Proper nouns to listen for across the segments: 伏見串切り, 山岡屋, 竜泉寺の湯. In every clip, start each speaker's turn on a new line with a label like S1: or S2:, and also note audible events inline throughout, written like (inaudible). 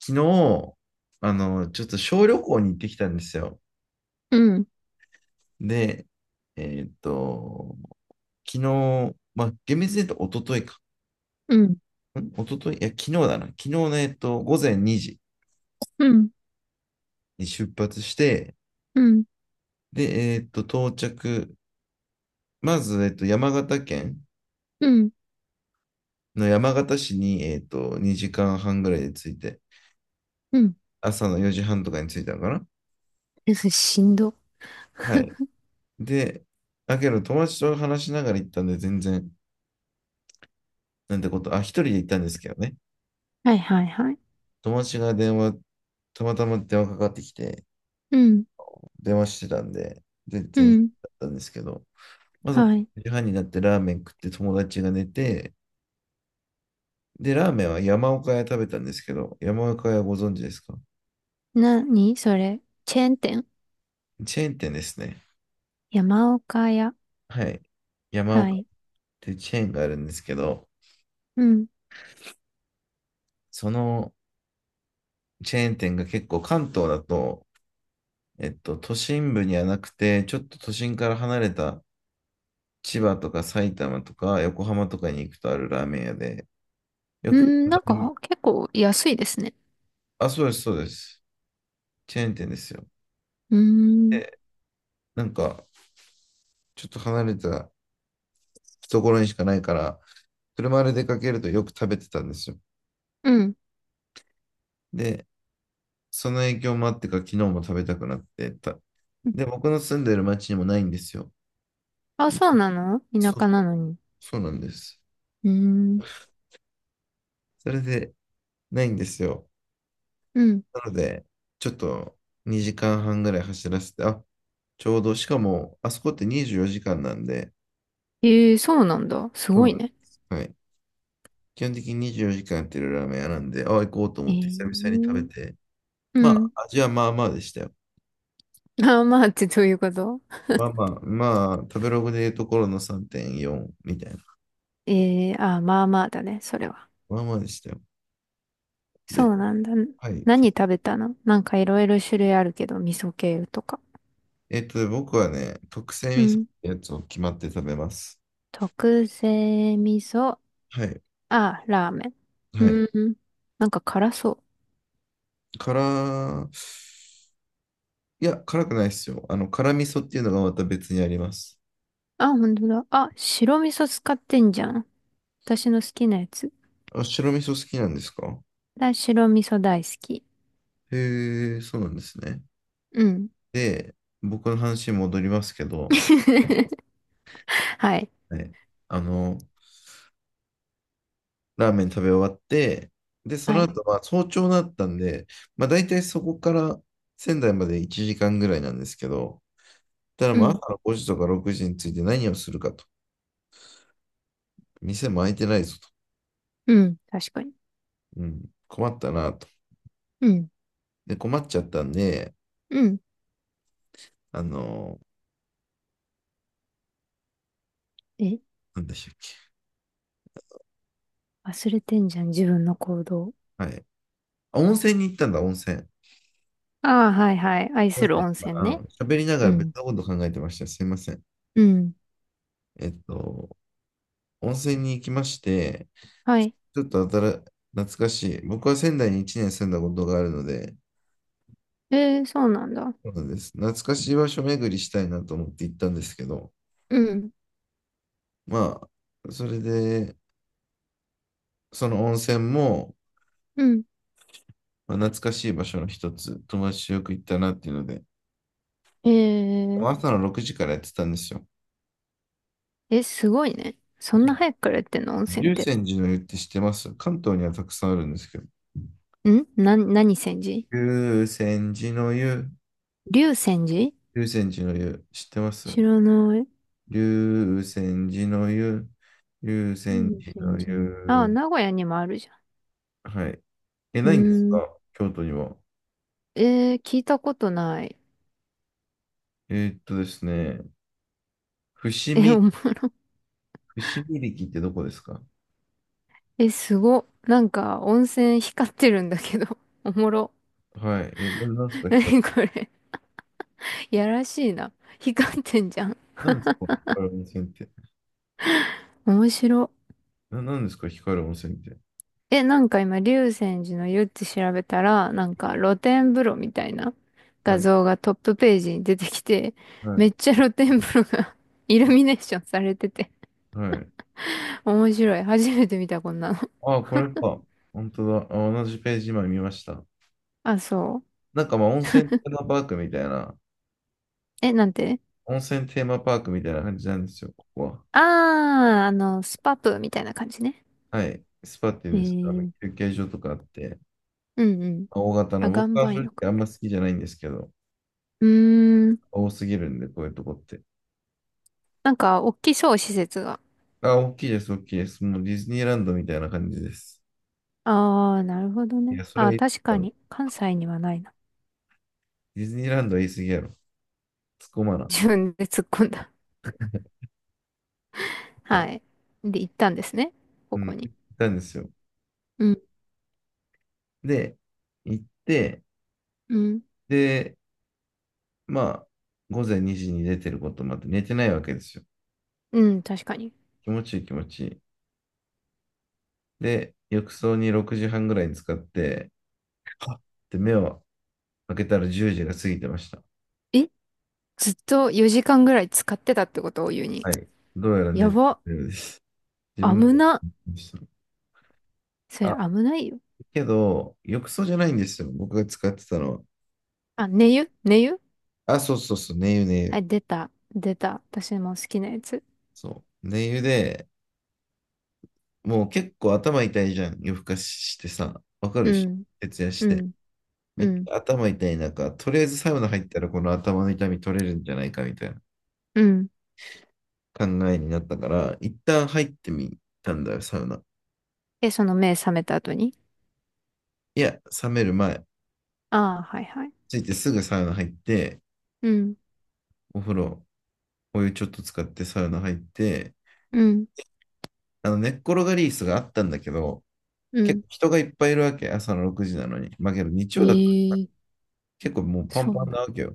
S1: 昨日、ちょっと小旅行に行ってきたんですよ。
S2: うん、
S1: で、えーっと、昨日、まあ、厳密に言うと一昨日か。
S2: うん、
S1: 一昨日、いや、昨日だな。昨日の、午前2時
S2: うん、
S1: に出発して、
S2: うん、
S1: で、到着。まず、山形県
S2: うん、
S1: の山形市に、2時間半ぐらいで着いて、
S2: うん。
S1: 朝の4時半とかに着いたのかな。
S2: え、それしんど。
S1: はい。で、だけど、友達と話しながら行ったんで、全然、なんてこと、あ、一人で行ったんですけどね。
S2: はいはいはい。
S1: 友達が電話、たまたま電話かかってきて、
S2: うん、
S1: 電話してたんで、全
S2: う
S1: 然だ
S2: ん、
S1: ったんですけど、まず
S2: はい。
S1: 9時半になってラーメン食って友達が寝て、で、ラーメンは山岡屋食べたんですけど、山岡屋ご存知ですか？
S2: なにそれチェーン店？
S1: チェーン店ですね。
S2: 山岡屋。
S1: はい。山
S2: は
S1: 岡っ
S2: い。
S1: ていうチェーンがあるんですけど、
S2: うん。
S1: そのチェーン店が結構関東だと、都心部にはなくて、ちょっと都心から離れた千葉とか埼玉とか横浜とかに行くとあるラーメン屋で、よ
S2: う
S1: く
S2: ん、なんか結構安いですね。
S1: あ、そうです、そうです。チェーン店ですよ。
S2: うーん、
S1: で、なんか、ちょっと離れたところにしかないから、車で出かけるとよく食べてたんですよ。
S2: うん。
S1: で、その影響もあってか、昨日も食べたくなってた。で、僕の住んでる町にもないんですよ。
S2: あ、そうなの？田
S1: そう、
S2: 舎なのに。
S1: そうなんです。
S2: うーん、
S1: それで、ないんですよ。
S2: うん。
S1: なので、ちょっと2時間半ぐらい走らせて、あ、ちょうど、しかも、あそこって24時間なんで、
S2: ええ、そうなんだ。す
S1: そ
S2: ご
S1: うな
S2: い
S1: んで
S2: ね。
S1: す。はい。基本的に24時間やってるラーメン屋なんで、あ、行こうと
S2: え
S1: 思って久々に食べ
S2: え、
S1: て、
S2: う
S1: ま
S2: ん。
S1: あ、味はまあまあでしたよ。
S2: あ、まあってどういうこと？
S1: まあまあ、まあ、食べログでいうところの3.4みたいな。
S2: ええ、あ、まあまあだね、それは。
S1: まあまあでしたよ。で、
S2: そうなんだ。
S1: はい。
S2: 何食べたの？なんかいろいろ種類あるけど、味噌系とか。
S1: 僕はね、特製
S2: う
S1: 味噌っ
S2: ん。
S1: てやつを決まって食べます。
S2: 特製味噌。
S1: はい。
S2: あ、ラーメン。
S1: は
S2: う
S1: い。
S2: ん。なんか辛そう。
S1: 辛、いや、辛くないですよ。辛味噌っていうのがまた別にあります。
S2: あ、本当だ。あ、白味噌使ってんじゃん。私の好きなやつ。
S1: あ、白味噌好きなんですか？
S2: だ、白味噌大好き。
S1: へえ、そうなんですね。
S2: うん。
S1: で、僕の話に戻りますけど、
S2: (laughs) はい。
S1: はい。あの、ラーメン食べ終わって、で、そ
S2: は
S1: の
S2: い。
S1: 後、まあ、早朝だったんで、まあ、大体そこから仙台まで1時間ぐらいなんですけど、ただ
S2: う
S1: まあ、朝
S2: ん。
S1: の5時とか6時について何をするかと。店も開いてないぞと。
S2: うん。確かに。
S1: うん、困ったなと。
S2: うん。
S1: で、困っちゃったんで、
S2: うん。
S1: あの
S2: え、
S1: なんでしたっけ？
S2: 忘れてんじゃん、自分の行動。
S1: はい。あ、温泉に行ったんだ、温泉。す
S2: ああ、はいはい。愛
S1: いま
S2: する
S1: せん。
S2: 温
S1: ま
S2: 泉
S1: あ
S2: ね。
S1: 喋りなが
S2: う
S1: ら
S2: ん。
S1: 別のこと考えてました。すいません。
S2: うん。
S1: えっと、温泉に行きまして、
S2: はい。
S1: ちょっと新、懐かしい。僕は仙台に1年住んだことがあるので、
S2: えー、そうなんだ。
S1: そうなんです。懐かしい場所巡りしたいなと思って行ったんですけど、
S2: うん。
S1: まあ、それで、その温泉も、
S2: うん。
S1: まあ、懐かしい場所の一つ、友達とよく行ったなっていうので、
S2: えー、
S1: 朝の6時からやってたんですよ。
S2: え、すごいね。そんな早くからやってんの温泉っ
S1: 竜
S2: て？
S1: 泉寺の湯って知ってます？関東にはたくさんあるんですけど。
S2: んな、何泉寺？
S1: 竜泉寺の湯、
S2: 龍泉寺？
S1: 竜泉寺の湯、知ってます？
S2: 知らない。
S1: 竜泉寺の湯、竜泉
S2: 龍
S1: 寺
S2: 泉
S1: の
S2: 寺ね。あ、
S1: 湯。
S2: 名古屋にもあるじゃ
S1: はい。
S2: ん。
S1: え、
S2: う
S1: ないんです
S2: ー
S1: か？
S2: ん。
S1: 京都には。
S2: えー、聞いたことない。
S1: ですね、伏
S2: え、
S1: 見
S2: おも、
S1: 串切りってどこですか？
S2: え、すご。なんか、温泉光ってるんだけど。おもろ。
S1: はい。え、なんですか、
S2: な
S1: 光る、
S2: にこれ。やらしいな。光ってんじゃん。
S1: なんですか、光る温泉って？
S2: 面白。
S1: なんですか、光る温泉って？
S2: え、なんか今、竜泉寺の湯って調べたら、なんか露天風呂みたいな
S1: は
S2: 画
S1: い。
S2: 像がトップページに出てきて、
S1: は
S2: め
S1: い。
S2: っちゃ露天風呂が (laughs) イルミネーションされてて、
S1: はい。
S2: 面白い。初めて見た、こんなの。
S1: ああ、これか。本当だ。あ、同じページ今見ました。
S2: あ、そう。
S1: なんかまあ、
S2: え、なんて？
S1: 温泉テーマパークみたいな感じなんですよ、ここは。
S2: あー、あの、スパプみたいな感じね。
S1: はい。スパってい
S2: え
S1: うんですか？あの
S2: ー、
S1: 休憩所とかあって、
S2: うんうん。
S1: まあ大型
S2: あ、
S1: の、
S2: 岩
S1: 僕は正
S2: 盤浴
S1: 直あ
S2: あ
S1: ん
S2: る。
S1: ま好きじゃないんですけど、
S2: うーん、
S1: 多すぎるんで、こういうとこって。
S2: なんか、大きそう、施設が。
S1: あ、大きいです、大きいです。もうディズニーランドみたいな感じです。
S2: あー、なるほど
S1: い
S2: ね。
S1: や、それ
S2: あ
S1: は
S2: ー、
S1: いい。
S2: 確かに、関西にはないな。
S1: ディズニーランドは言い過ぎやろ。突っ込まな。
S2: 自分で突っ込んだ。はい。で、行ったんですね。こ
S1: うん。
S2: こに。
S1: 行ったんですよ。
S2: うん、
S1: で、行って、
S2: うん、
S1: で、まあ、午前2時に出てることもあって、寝てないわけですよ。
S2: うん、確かに。
S1: 気持ちいい気持ちいい。で、浴槽に6時半ぐらいに使って、はっって目を開けたら10時が過ぎてました。
S2: え、ずっと4時間ぐらい使ってたってことを言うに。
S1: はい。どうやら
S2: や
S1: 寝て
S2: ば、
S1: るようです。自分で
S2: 危な。
S1: 寝て
S2: そ
S1: た
S2: れ
S1: あ、
S2: 危ないよ。
S1: けど、浴槽じゃないんですよ。僕が使ってたのは。
S2: あ、寝湯寝湯。
S1: あ、そうそうそう、寝湯寝
S2: は
S1: 湯。
S2: い、出た、出た。私も好きなやつ。
S1: そう。寝湯で、もう結構頭痛いじゃん。夜更かししてさ、わかる
S2: う
S1: し、
S2: ん、
S1: 徹夜し
S2: う
S1: て。
S2: ん、
S1: め
S2: う
S1: っち
S2: ん、
S1: ゃ頭痛い中、とりあえずサウナ入ったらこの頭の痛み取れるんじゃないかみたいな
S2: うん。
S1: 考えになったから、一旦入ってみたんだよ、サウナ。
S2: え、その目覚めた後に？
S1: いや、冷める前、
S2: ああー、はいはい。
S1: ついてすぐサウナ入って、
S2: うん、
S1: お風呂、お湯ちょっと使ってサウナ入って、
S2: うん、
S1: 寝っ転がり椅子があったんだけど、
S2: う
S1: 結
S2: ん。
S1: 構人がいっぱいいるわけ、朝の6時なのに。まあけど日曜だったら
S2: ええ、
S1: 結構もうパン
S2: そう
S1: パンな
S2: な。
S1: わけよ。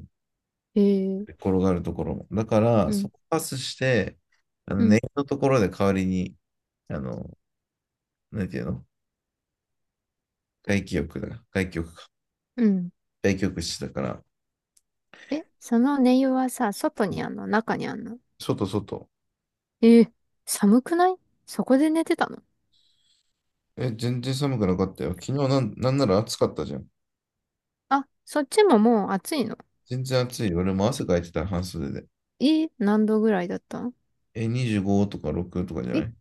S2: ええ、
S1: 転がるところも。だから、
S2: う
S1: そ
S2: ん、
S1: こパスして、
S2: う
S1: ネ
S2: ん、
S1: ットのところで代わりに、あの、なんていうの？外気浴だ。外気浴か。
S2: うん。
S1: 外気浴室だから、
S2: え、その寝湯はさ、外にあんの？中にあんの？
S1: 外外。
S2: えー、寒くない？そこで寝てたの？
S1: え、全然寒くなかったよ。昨日なん、なんなら暑かったじゃん。
S2: あ、そっちももう暑いの？
S1: 全然暑いよ。俺も汗かいてた、半袖で。
S2: えー、何度ぐらいだったの？
S1: え、25とか6とかじゃな
S2: え、
S1: い？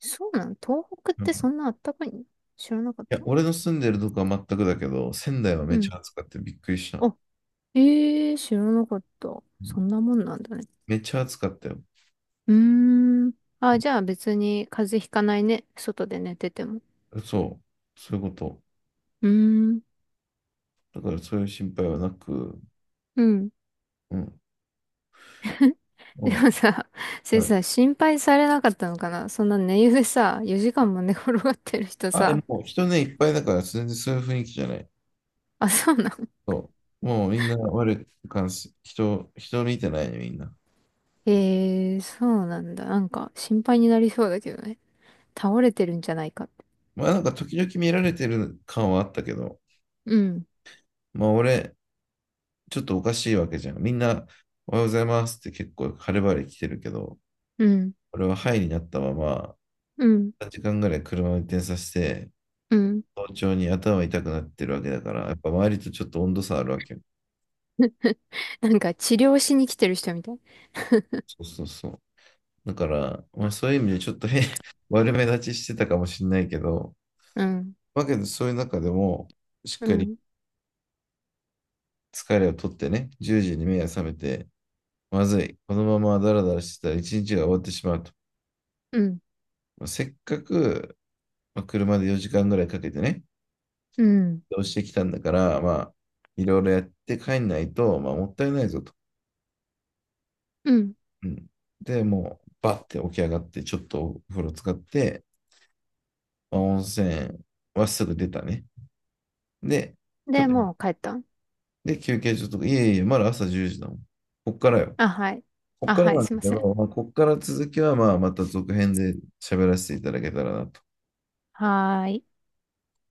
S2: そうなの？東北っ
S1: う
S2: てそ
S1: ん、
S2: んなあったかいの？知らなかっ
S1: いや、
S2: た。
S1: 俺の住んでるとこは全くだけど、仙台はめ
S2: う
S1: っち
S2: ん。
S1: ゃ暑かった。びっくりした。
S2: あ、えー、知らなかった。
S1: う
S2: そ
S1: ん、
S2: んなもんなんだね。
S1: めっちゃ暑かったよ。
S2: うーん。あ、じゃあ別に風邪ひかないね。外で寝てても。
S1: そう。そういうこと。
S2: うーん。
S1: だからそういう心配はなく、
S2: うん。
S1: うん。
S2: (laughs)
S1: あ
S2: でもさ、そ
S1: あ、
S2: れ
S1: はい。
S2: さ、心配されなかったのかな？そんな寝湯でさ、4時間も寝転がってる人
S1: あ、え、
S2: さ。
S1: もう人ね、いっぱいだから、全然そういう雰囲気じゃない。
S2: あ、そうなの？
S1: そう。もうみんな悪い感じ、人見てないね、みんな。
S2: ええー、そうなんだ。なんか心配になりそうだけどね。倒れてるんじゃないかって。
S1: まあなんか時々見られてる感はあったけど、
S2: うん、
S1: まあ俺、ちょっとおかしいわけじゃん。みんな、おはようございますって結構晴れ晴れ来てるけど、
S2: うん、
S1: 俺ははいになったまま、
S2: うん、
S1: 3時間ぐらい車を運転させて、
S2: うん。
S1: 早朝に頭痛くなってるわけだから、やっぱ周りとちょっと温度差あるわけよ。
S2: (laughs) なんか治療しに来てる人みたい。
S1: そうそうそう。だから、まあそういう意味でちょっと(laughs) 悪目立ちしてたかもしれないけど、
S2: うん、
S1: わけで、そういう中でも、しっ
S2: う
S1: かり
S2: ん、
S1: 疲れを取ってね、10時に目が覚めて、まずい、このままダラダラしてたら一日が終わってしまうと。
S2: うん、
S1: まあせっかく、まあ車で4時間ぐらいかけてね、
S2: うん、
S1: 移動してきたんだから、まあ、いろいろやって帰んないと、まあ、もったいないぞと。
S2: うん。
S1: うん。で、もう、バッて起き上がって、ちょっとお風呂使って、まあ温泉はすぐ出たね。で、ちょっ
S2: で、
S1: と
S2: もう帰ったん？
S1: で、休憩所とか、いえいえ、まだ朝10時だもん。こっからよ。
S2: あ、はい。
S1: こっ
S2: あ、
S1: から
S2: はい、
S1: なんだ
S2: すい
S1: け
S2: ません。
S1: ど、まあ、こっから続きはまあまた続編で喋らせていただけたらなと
S2: はーい。